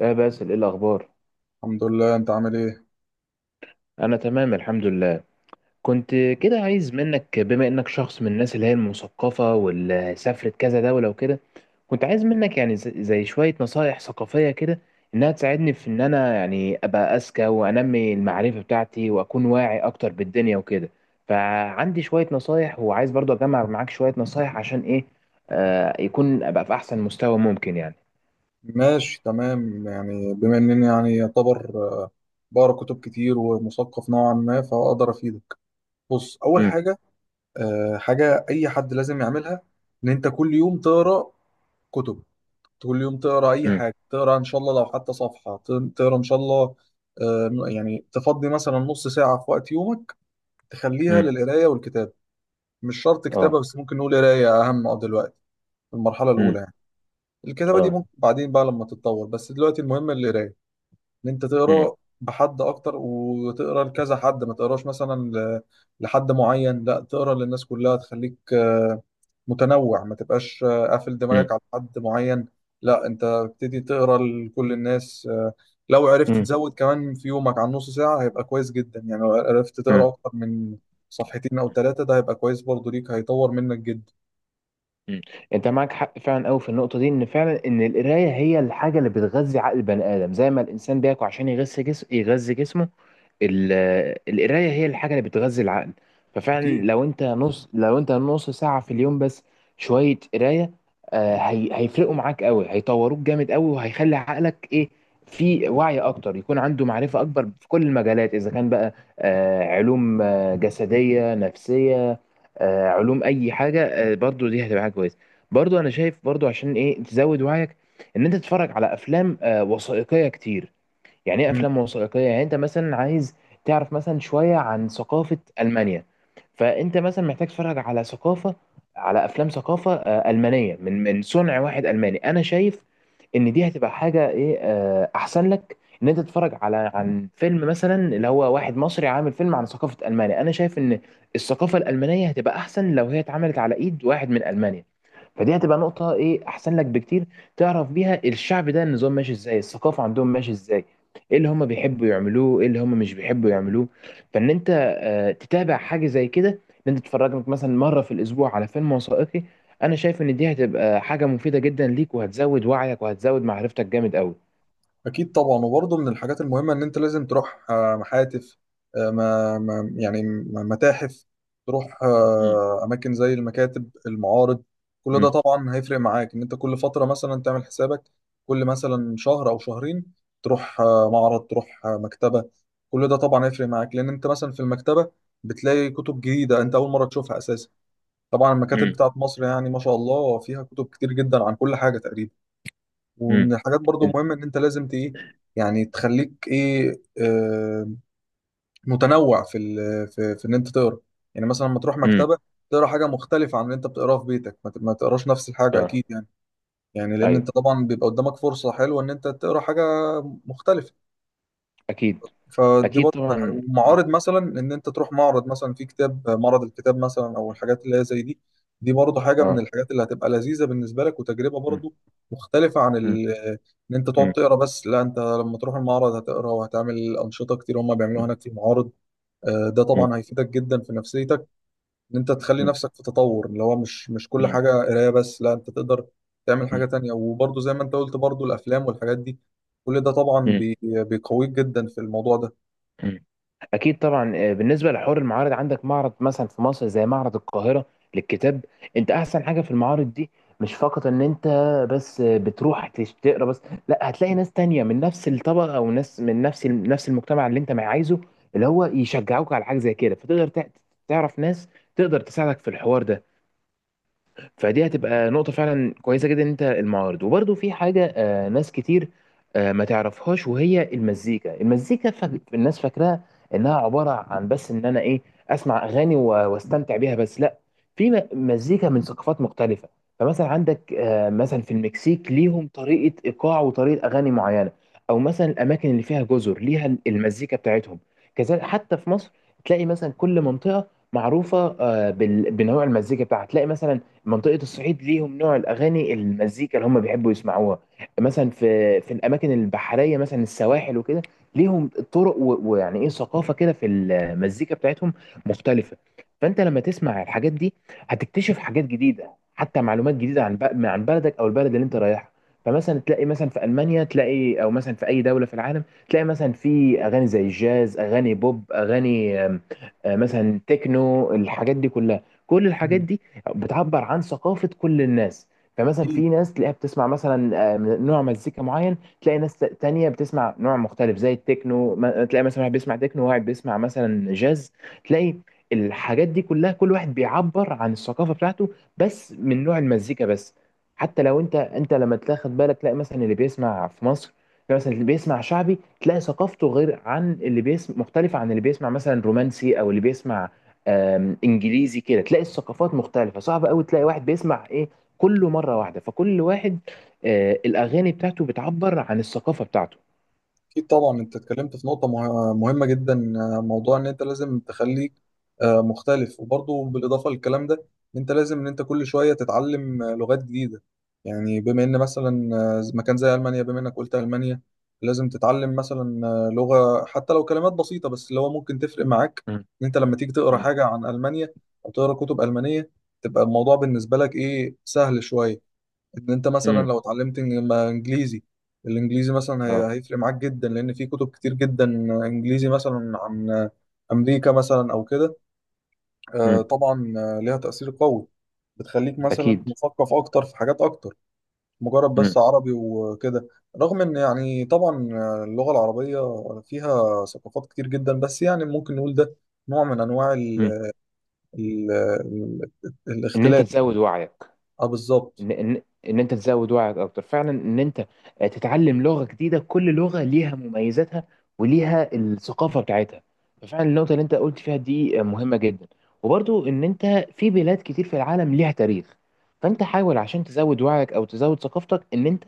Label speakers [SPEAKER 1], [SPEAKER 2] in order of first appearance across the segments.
[SPEAKER 1] يا باسل، ايه الاخبار؟
[SPEAKER 2] الحمد لله، انت عامل ايه؟
[SPEAKER 1] انا تمام، الحمد لله. كنت كده عايز منك، بما انك شخص من الناس اللي هي المثقفه واللي سافرت كذا دوله وكده، كنت عايز منك يعني زي شويه نصايح ثقافيه كده، انها تساعدني في ان انا يعني ابقى اذكى وانمي المعرفه بتاعتي واكون واعي اكتر بالدنيا وكده. فعندي شويه نصايح، وعايز برضه اجمع معاك شويه نصايح عشان ايه يكون ابقى في احسن مستوى ممكن يعني.
[SPEAKER 2] ماشي تمام، يعني بما انني يعني يعتبر بقرا كتب كتير ومثقف نوعا ما فاقدر افيدك. بص، اول
[SPEAKER 1] امم.
[SPEAKER 2] حاجه حاجه اي حد لازم يعملها ان انت كل يوم تقرا كتب، كل يوم تقرا اي
[SPEAKER 1] امم.
[SPEAKER 2] حاجه، تقرا ان شاء الله لو حتى صفحه تقرا ان شاء الله. يعني تفضي مثلا نص ساعه في وقت يومك تخليها
[SPEAKER 1] امم.
[SPEAKER 2] للقرايه والكتابه. مش شرط كتابه
[SPEAKER 1] اه.
[SPEAKER 2] بس، ممكن نقول قرايه اهم دلوقتي في المرحله
[SPEAKER 1] امم.
[SPEAKER 2] الاولى يعني. الكتابه دي
[SPEAKER 1] اه.
[SPEAKER 2] ممكن بعدين بقى لما تتطور، بس دلوقتي المهم القرايه، ان انت
[SPEAKER 1] امم.
[SPEAKER 2] تقرا بحد اكتر وتقرا لكذا حد، ما تقراش مثلا لحد معين، لا تقرا للناس كلها، تخليك متنوع، ما تبقاش قافل دماغك على حد معين. لا، انت ابتدي تقرا لكل الناس لو عرفت
[SPEAKER 1] امم.
[SPEAKER 2] تزود كمان في يومك عن نص ساعة هيبقى كويس جدا. يعني لو عرفت
[SPEAKER 1] امم.
[SPEAKER 2] تقرا اكتر من صفحتين او ثلاثة ده هيبقى كويس برضو ليك، هيطور منك جدا.
[SPEAKER 1] مم. انت معاك حق فعلا قوي في النقطه دي، ان فعلا ان القرايه هي الحاجه اللي بتغذي عقل البني ادم، زي ما الانسان بياكل عشان يغذي جسمه. ال- القرايه هي الحاجه اللي بتغذي العقل. ففعلا
[SPEAKER 2] اكيد.
[SPEAKER 1] لو انت نص ساعه في اليوم بس شويه قرايه، هي هيفرقوا معاك قوي، هيطوروك جامد قوي، وهيخلي عقلك ايه، في وعي اكتر، يكون عنده معرفه اكبر في كل المجالات. اذا كان بقى علوم جسديه نفسيه، علوم اي حاجه، برضو دي هتبقى حاجه كويسه. برضو انا شايف، برضو عشان ايه تزود وعيك، ان انت تتفرج على افلام وثائقيه كتير. يعني ايه افلام وثائقيه؟ يعني انت مثلا عايز تعرف مثلا شويه عن ثقافه المانيا، فانت مثلا محتاج تتفرج على ثقافه على افلام ثقافه المانيه، من صنع واحد الماني. انا شايف ان دي هتبقى حاجه ايه، احسن لك، ان انت تتفرج عن فيلم مثلا اللي هو واحد مصري عامل فيلم عن ثقافه المانيا. انا شايف ان الثقافه الالمانيه هتبقى احسن لو هي اتعملت على ايد واحد من المانيا. فدي هتبقى نقطه ايه، احسن لك بكتير، تعرف بيها الشعب ده، النظام ماشي ازاي، الثقافه عندهم ماشي ازاي، ايه اللي هم بيحبوا يعملوه، ايه اللي هم مش بيحبوا يعملوه. فان انت تتابع حاجه زي كده، ان انت تتفرج مثلا مره في الاسبوع على فيلم وثائقي، انا شايف ان دي هتبقى حاجه مفيده جدا ليك، وهتزود وعيك، وهتزود معرفتك جامد قوي.
[SPEAKER 2] طبعا، وبرضه من الحاجات المهمه ان انت لازم تروح آه، محاتف آه، ما ما- يعني م- متاحف، تروح
[SPEAKER 1] امم.
[SPEAKER 2] اماكن زي المكاتب، المعارض. كل ده
[SPEAKER 1] امم.
[SPEAKER 2] طبعا هيفرق معاك، ان انت كل فتره مثلا تعمل حسابك كل مثلا شهر او شهرين تروح معرض، تروح مكتبه. كل ده طبعا هيفرق معاك، لان انت مثلا في المكتبه بتلاقي كتب جديده انت اول مره تشوفها اساسا. طبعا المكاتب
[SPEAKER 1] امم.
[SPEAKER 2] بتاعت مصر يعني ما شاء الله فيها كتب كتير جدا عن كل حاجه تقريبا. ومن
[SPEAKER 1] امم.
[SPEAKER 2] الحاجات برضو
[SPEAKER 1] انت-
[SPEAKER 2] مهمة ان انت لازم ايه، يعني تخليك ايه، آه، متنوع في ان انت تقرا. يعني مثلا لما تروح
[SPEAKER 1] امم.
[SPEAKER 2] مكتبة تقرا حاجة مختلفة عن اللي انت بتقراه في بيتك، ما تقراش نفس الحاجة
[SPEAKER 1] اه.
[SPEAKER 2] اكيد يعني. يعني لان
[SPEAKER 1] ايوه.
[SPEAKER 2] انت طبعا بيبقى قدامك فرصة حلوة ان انت تقرا حاجة مختلفة.
[SPEAKER 1] اكيد.
[SPEAKER 2] فدي
[SPEAKER 1] اكيد
[SPEAKER 2] برضه من الحاجات،
[SPEAKER 1] طبعا.
[SPEAKER 2] ومعارض مثلا ان انت تروح معرض مثلا في كتاب، معرض الكتاب مثلا او الحاجات اللي هي زي دي. دي برضه حاجه من
[SPEAKER 1] اه.
[SPEAKER 2] الحاجات اللي هتبقى لذيذه بالنسبه لك، وتجربه
[SPEAKER 1] امم.
[SPEAKER 2] برضه مختلفه عن
[SPEAKER 1] امم.
[SPEAKER 2] ان انت تقعد تقرا بس. لا، انت لما تروح المعرض هتقرا وهتعمل انشطه كتير هم بيعملوها
[SPEAKER 1] امم.
[SPEAKER 2] هناك في المعارض. ده
[SPEAKER 1] امم.
[SPEAKER 2] طبعا هيفيدك جدا في نفسيتك، ان انت تخلي نفسك في تطور، اللي هو مش كل
[SPEAKER 1] امم.
[SPEAKER 2] حاجه قرايه بس، لا انت تقدر تعمل حاجه تانية. وبرضه زي ما انت قلت برضه الافلام والحاجات دي، كل ده طبعا
[SPEAKER 1] امم.
[SPEAKER 2] بيقويك جدا في الموضوع
[SPEAKER 1] مم. اكيد طبعا. بالنسبه لحوار المعارض، عندك معرض مثلا في مصر زي معرض القاهره للكتاب. انت احسن حاجه في المعارض دي، مش فقط ان انت بس بتروح تقرا بس، لا، هتلاقي ناس تانية من نفس الطبقه، او ناس من نفس نفس المجتمع اللي انت ما عايزه، اللي هو يشجعوك على حاجه زي كده، فتقدر تعرف ناس تقدر تساعدك في الحوار ده. فدي هتبقى نقطة فعلا كويسة جدا، ان انت المعارض. وبرده في حاجة ناس كتير ما تعرفهاش، وهي المزيكا. المزيكا الناس فاكراها انها عبارة عن بس ان انا ايه، اسمع اغاني واستمتع بيها بس، لا، في مزيكا من ثقافات مختلفة. فمثلا عندك مثلا في المكسيك ليهم طريقة ايقاع وطريقة اغاني معينة، او مثلا الاماكن اللي فيها جزر ليها المزيكا بتاعتهم. كذلك حتى في مصر تلاقي مثلا كل منطقة معروفة بنوع المزيكا بتاعها. تلاقي مثلا منطقة الصعيد ليهم نوع الأغاني، المزيكا اللي هم بيحبوا يسمعوها. مثلا في الأماكن البحرية مثلا، السواحل وكده، ليهم طرق ويعني إيه ثقافة كده في المزيكا بتاعتهم مختلفة. فأنت لما تسمع الحاجات دي، هتكتشف حاجات جديدة، حتى معلومات جديدة عن عن بلدك أو البلد اللي أنت رايحها. فمثلا تلاقي مثلا في ألمانيا تلاقي، أو مثلا في أي دولة في العالم، تلاقي مثلا في أغاني زي الجاز، أغاني بوب، أغاني مثلا تكنو، الحاجات دي كلها، كل الحاجات
[SPEAKER 2] ده.
[SPEAKER 1] دي بتعبر عن ثقافة كل الناس. فمثلا
[SPEAKER 2] أكيد.
[SPEAKER 1] في ناس تلاقيها بتسمع مثلا من نوع مزيكا معين، تلاقي ناس تانية بتسمع نوع مختلف زي التكنو، تلاقي مثلا واحد بيسمع تكنو وواحد بيسمع مثلا جاز. تلاقي الحاجات دي كلها، كل واحد بيعبر عن الثقافة بتاعته بس من نوع المزيكا بس. حتى لو انت لما تاخد بالك، تلاقي مثلا اللي بيسمع في مصر، تلاقي مثلا اللي بيسمع شعبي، تلاقي ثقافته غير عن اللي بيسمع، مختلفة عن اللي بيسمع مثلا رومانسي، او اللي بيسمع انجليزي كده، تلاقي الثقافات مختلفه. صعب قوي تلاقي واحد بيسمع ايه كله مره واحده، فكل واحد الاغاني بتاعته بتعبر عن الثقافه بتاعته.
[SPEAKER 2] طبعا، أنت اتكلمت في نقطة مهمة جدا، موضوع إن أنت لازم تخليك مختلف. وبرضه بالإضافة للكلام ده، إن أنت لازم، إن أنت كل شوية تتعلم لغات جديدة. يعني بما إن مثلا مكان زي ألمانيا، بما إنك قلت ألمانيا، لازم تتعلم مثلا لغة، حتى لو كلمات بسيطة بس، اللي هو ممكن تفرق معاك
[SPEAKER 1] مم.
[SPEAKER 2] إن أنت لما تيجي تقرأ
[SPEAKER 1] مم.
[SPEAKER 2] حاجة عن ألمانيا أو تقرأ كتب ألمانية، تبقى الموضوع بالنسبة لك إيه، سهل شوية. ان انت مثلا
[SPEAKER 1] مم.
[SPEAKER 2] لو اتعلمت إن- ما انجليزي، الانجليزي مثلا
[SPEAKER 1] اه.
[SPEAKER 2] هيفرق معاك جدا، لان في كتب كتير جدا انجليزي مثلا عن امريكا مثلا او كده.
[SPEAKER 1] مم.
[SPEAKER 2] طبعا ليها تأثير قوي، بتخليك مثلا
[SPEAKER 1] اكيد.
[SPEAKER 2] مثقف اكتر في حاجات اكتر، مجرد
[SPEAKER 1] مم.
[SPEAKER 2] بس عربي وكده. رغم ان يعني طبعا اللغة العربية فيها ثقافات كتير جدا، بس يعني ممكن نقول ده نوع من انواع ال
[SPEAKER 1] مم.
[SPEAKER 2] ال ال
[SPEAKER 1] ان انت
[SPEAKER 2] الاختلاف.
[SPEAKER 1] تزود وعيك.
[SPEAKER 2] اه بالظبط.
[SPEAKER 1] ان ان ان انت تزود وعيك اكتر فعلا، ان انت تتعلم لغه جديده، كل لغه ليها مميزاتها وليها الثقافه بتاعتها. ففعلا النقطه اللي انت قلت فيها دي مهمه جدا. وبرضو ان انت، في بلاد كتير في العالم ليها تاريخ، فانت حاول عشان تزود وعيك او تزود ثقافتك، ان انت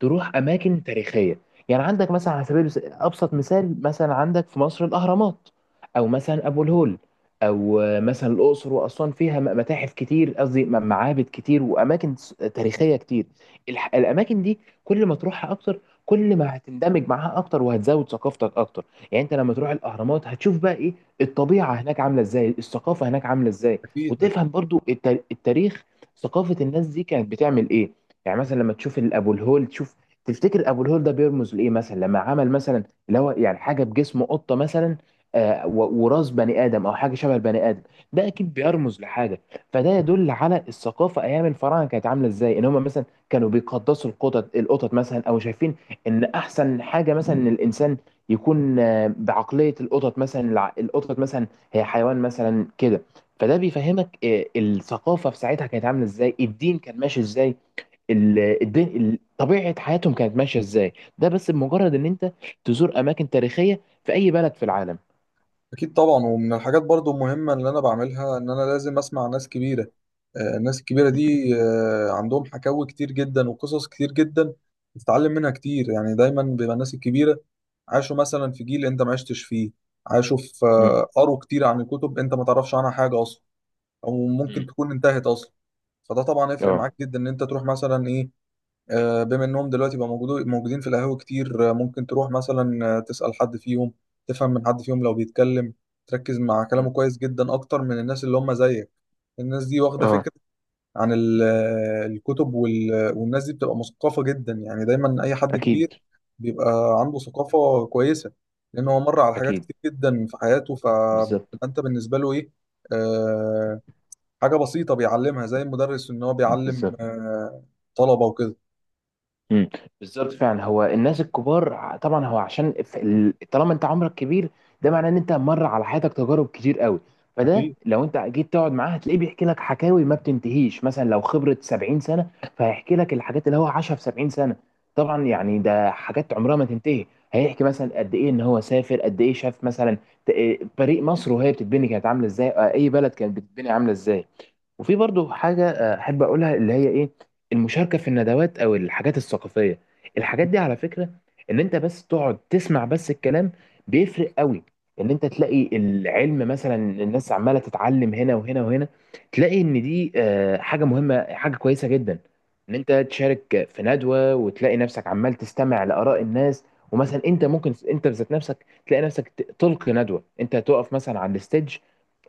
[SPEAKER 1] تروح اماكن تاريخيه. يعني عندك مثلا ابسط مثال، مثلا عندك في مصر الاهرامات، او مثلا ابو الهول، او مثلا الاقصر واسوان فيها متاحف كتير، قصدي معابد كتير، واماكن تاريخيه كتير. الاماكن دي، كل ما تروحها اكتر، كل ما هتندمج معاها اكتر وهتزود ثقافتك اكتر. يعني انت لما تروح الاهرامات هتشوف بقى ايه، الطبيعه هناك عامله ازاي، الثقافه هناك عامله ازاي،
[SPEAKER 2] اكيد.
[SPEAKER 1] وتفهم برضو التاريخ، ثقافه الناس دي كانت بتعمل ايه. يعني مثلا لما تشوف ابو الهول، تفتكر ابو الهول ده بيرمز لايه. مثلا لما عمل مثلا اللي هو يعني حاجه بجسم قطه مثلا، وراس بني ادم او حاجه شبه البني ادم، ده اكيد بيرمز لحاجه. فده يدل على الثقافه ايام الفراعنه كانت عامله ازاي. ان هم مثلا كانوا بيقدسوا القطط، القطط مثلا، او شايفين ان احسن حاجه مثلا ان الانسان يكون بعقليه القطط مثلا. القطط مثلا هي حيوان مثلا كده. فده بيفهمك الثقافه في ساعتها كانت عامله ازاي، الدين كان ماشي ازاي، طبيعة حياتهم كانت ماشية ازاي. ده بس بمجرد ان انت تزور اماكن تاريخية في اي بلد في العالم.
[SPEAKER 2] أكيد طبعا، ومن الحاجات برضو المهمة اللي أنا بعملها إن أنا لازم أسمع ناس كبيرة. الناس الكبيرة دي عندهم حكاوي كتير جدا وقصص كتير جدا بتتعلم منها كتير. يعني دايما بيبقى الناس الكبيرة عاشوا مثلا في جيل أنت ما عشتش فيه، عاشوا في
[SPEAKER 1] مم.
[SPEAKER 2] قروا كتير عن الكتب أنت ما تعرفش عنها حاجة أصلا، أو ممكن
[SPEAKER 1] مم.
[SPEAKER 2] تكون انتهت أصلا. فده طبعا يفرق معاك
[SPEAKER 1] اه.
[SPEAKER 2] جدا إن أنت تروح مثلا إيه، بما انهم دلوقتي بقى موجودين في القهاوي كتير. ممكن تروح مثلا تسأل حد فيهم، تفهم من حد فيهم لو بيتكلم، تركز مع كلامه
[SPEAKER 1] مم.
[SPEAKER 2] كويس جدا اكتر من الناس اللي هم زيك. الناس دي واخدة
[SPEAKER 1] اه.
[SPEAKER 2] فكرة عن الكتب والناس دي بتبقى مثقفة جدا. يعني دايما اي حد
[SPEAKER 1] اكيد.
[SPEAKER 2] كبير بيبقى عنده ثقافة كويسة، لان هو مر على حاجات
[SPEAKER 1] اكيد
[SPEAKER 2] كتير جدا في حياته.
[SPEAKER 1] بالظبط.
[SPEAKER 2] فانت بالنسبة له ايه، آه، حاجة بسيطة بيعلمها زي المدرس ان هو بيعلم
[SPEAKER 1] بالظبط.
[SPEAKER 2] طلبة وكده.
[SPEAKER 1] امم. بالظبط فعلا. هو الناس الكبار طبعا، هو طالما انت عمرك كبير، ده معناه ان انت مر على حياتك تجارب كتير قوي. فده
[SPEAKER 2] أكيد.
[SPEAKER 1] لو انت جيت تقعد معاه، هتلاقيه بيحكي لك حكاوي ما بتنتهيش. مثلا لو خبرة 70 سنة، فهيحكي لك الحاجات اللي هو عاشها في 70 سنة. طبعا يعني ده حاجات عمرها ما تنتهي. هيحكي مثلا قد ايه ان هو سافر، قد ايه شاف مثلا، ت- إيه، فريق مصر وهي بتتبني كانت عاملة ازاي، اي بلد كانت بتتبني عاملة ازاي. وفي برضو حاجة أحب أقولها، اللي هي إيه، المشاركة في الندوات أو الحاجات الثقافية. الحاجات دي على فكرة، إن أنت بس تقعد تسمع بس الكلام، بيفرق قوي. إن أنت تلاقي العلم مثلا، الناس عمالة تتعلم هنا وهنا وهنا، تلاقي إن دي حاجة مهمة، حاجة كويسة جدا. إن أنت تشارك في ندوة وتلاقي نفسك عمال تستمع لآراء الناس، ومثلا أنت ممكن أنت بذات نفسك تلاقي نفسك تلقي ندوة، أنت تقف مثلا على الستيج،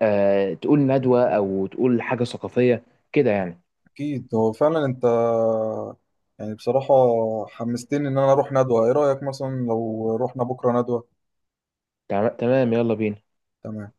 [SPEAKER 1] تقول ندوة أو تقول حاجة ثقافية كده يعني.
[SPEAKER 2] اكيد هو فعلا انت، يعني بصراحة حمستني ان انا اروح ندوة. ايه رأيك مثلا لو رحنا بكرة ندوة؟
[SPEAKER 1] تمام، يلا بينا.
[SPEAKER 2] تمام.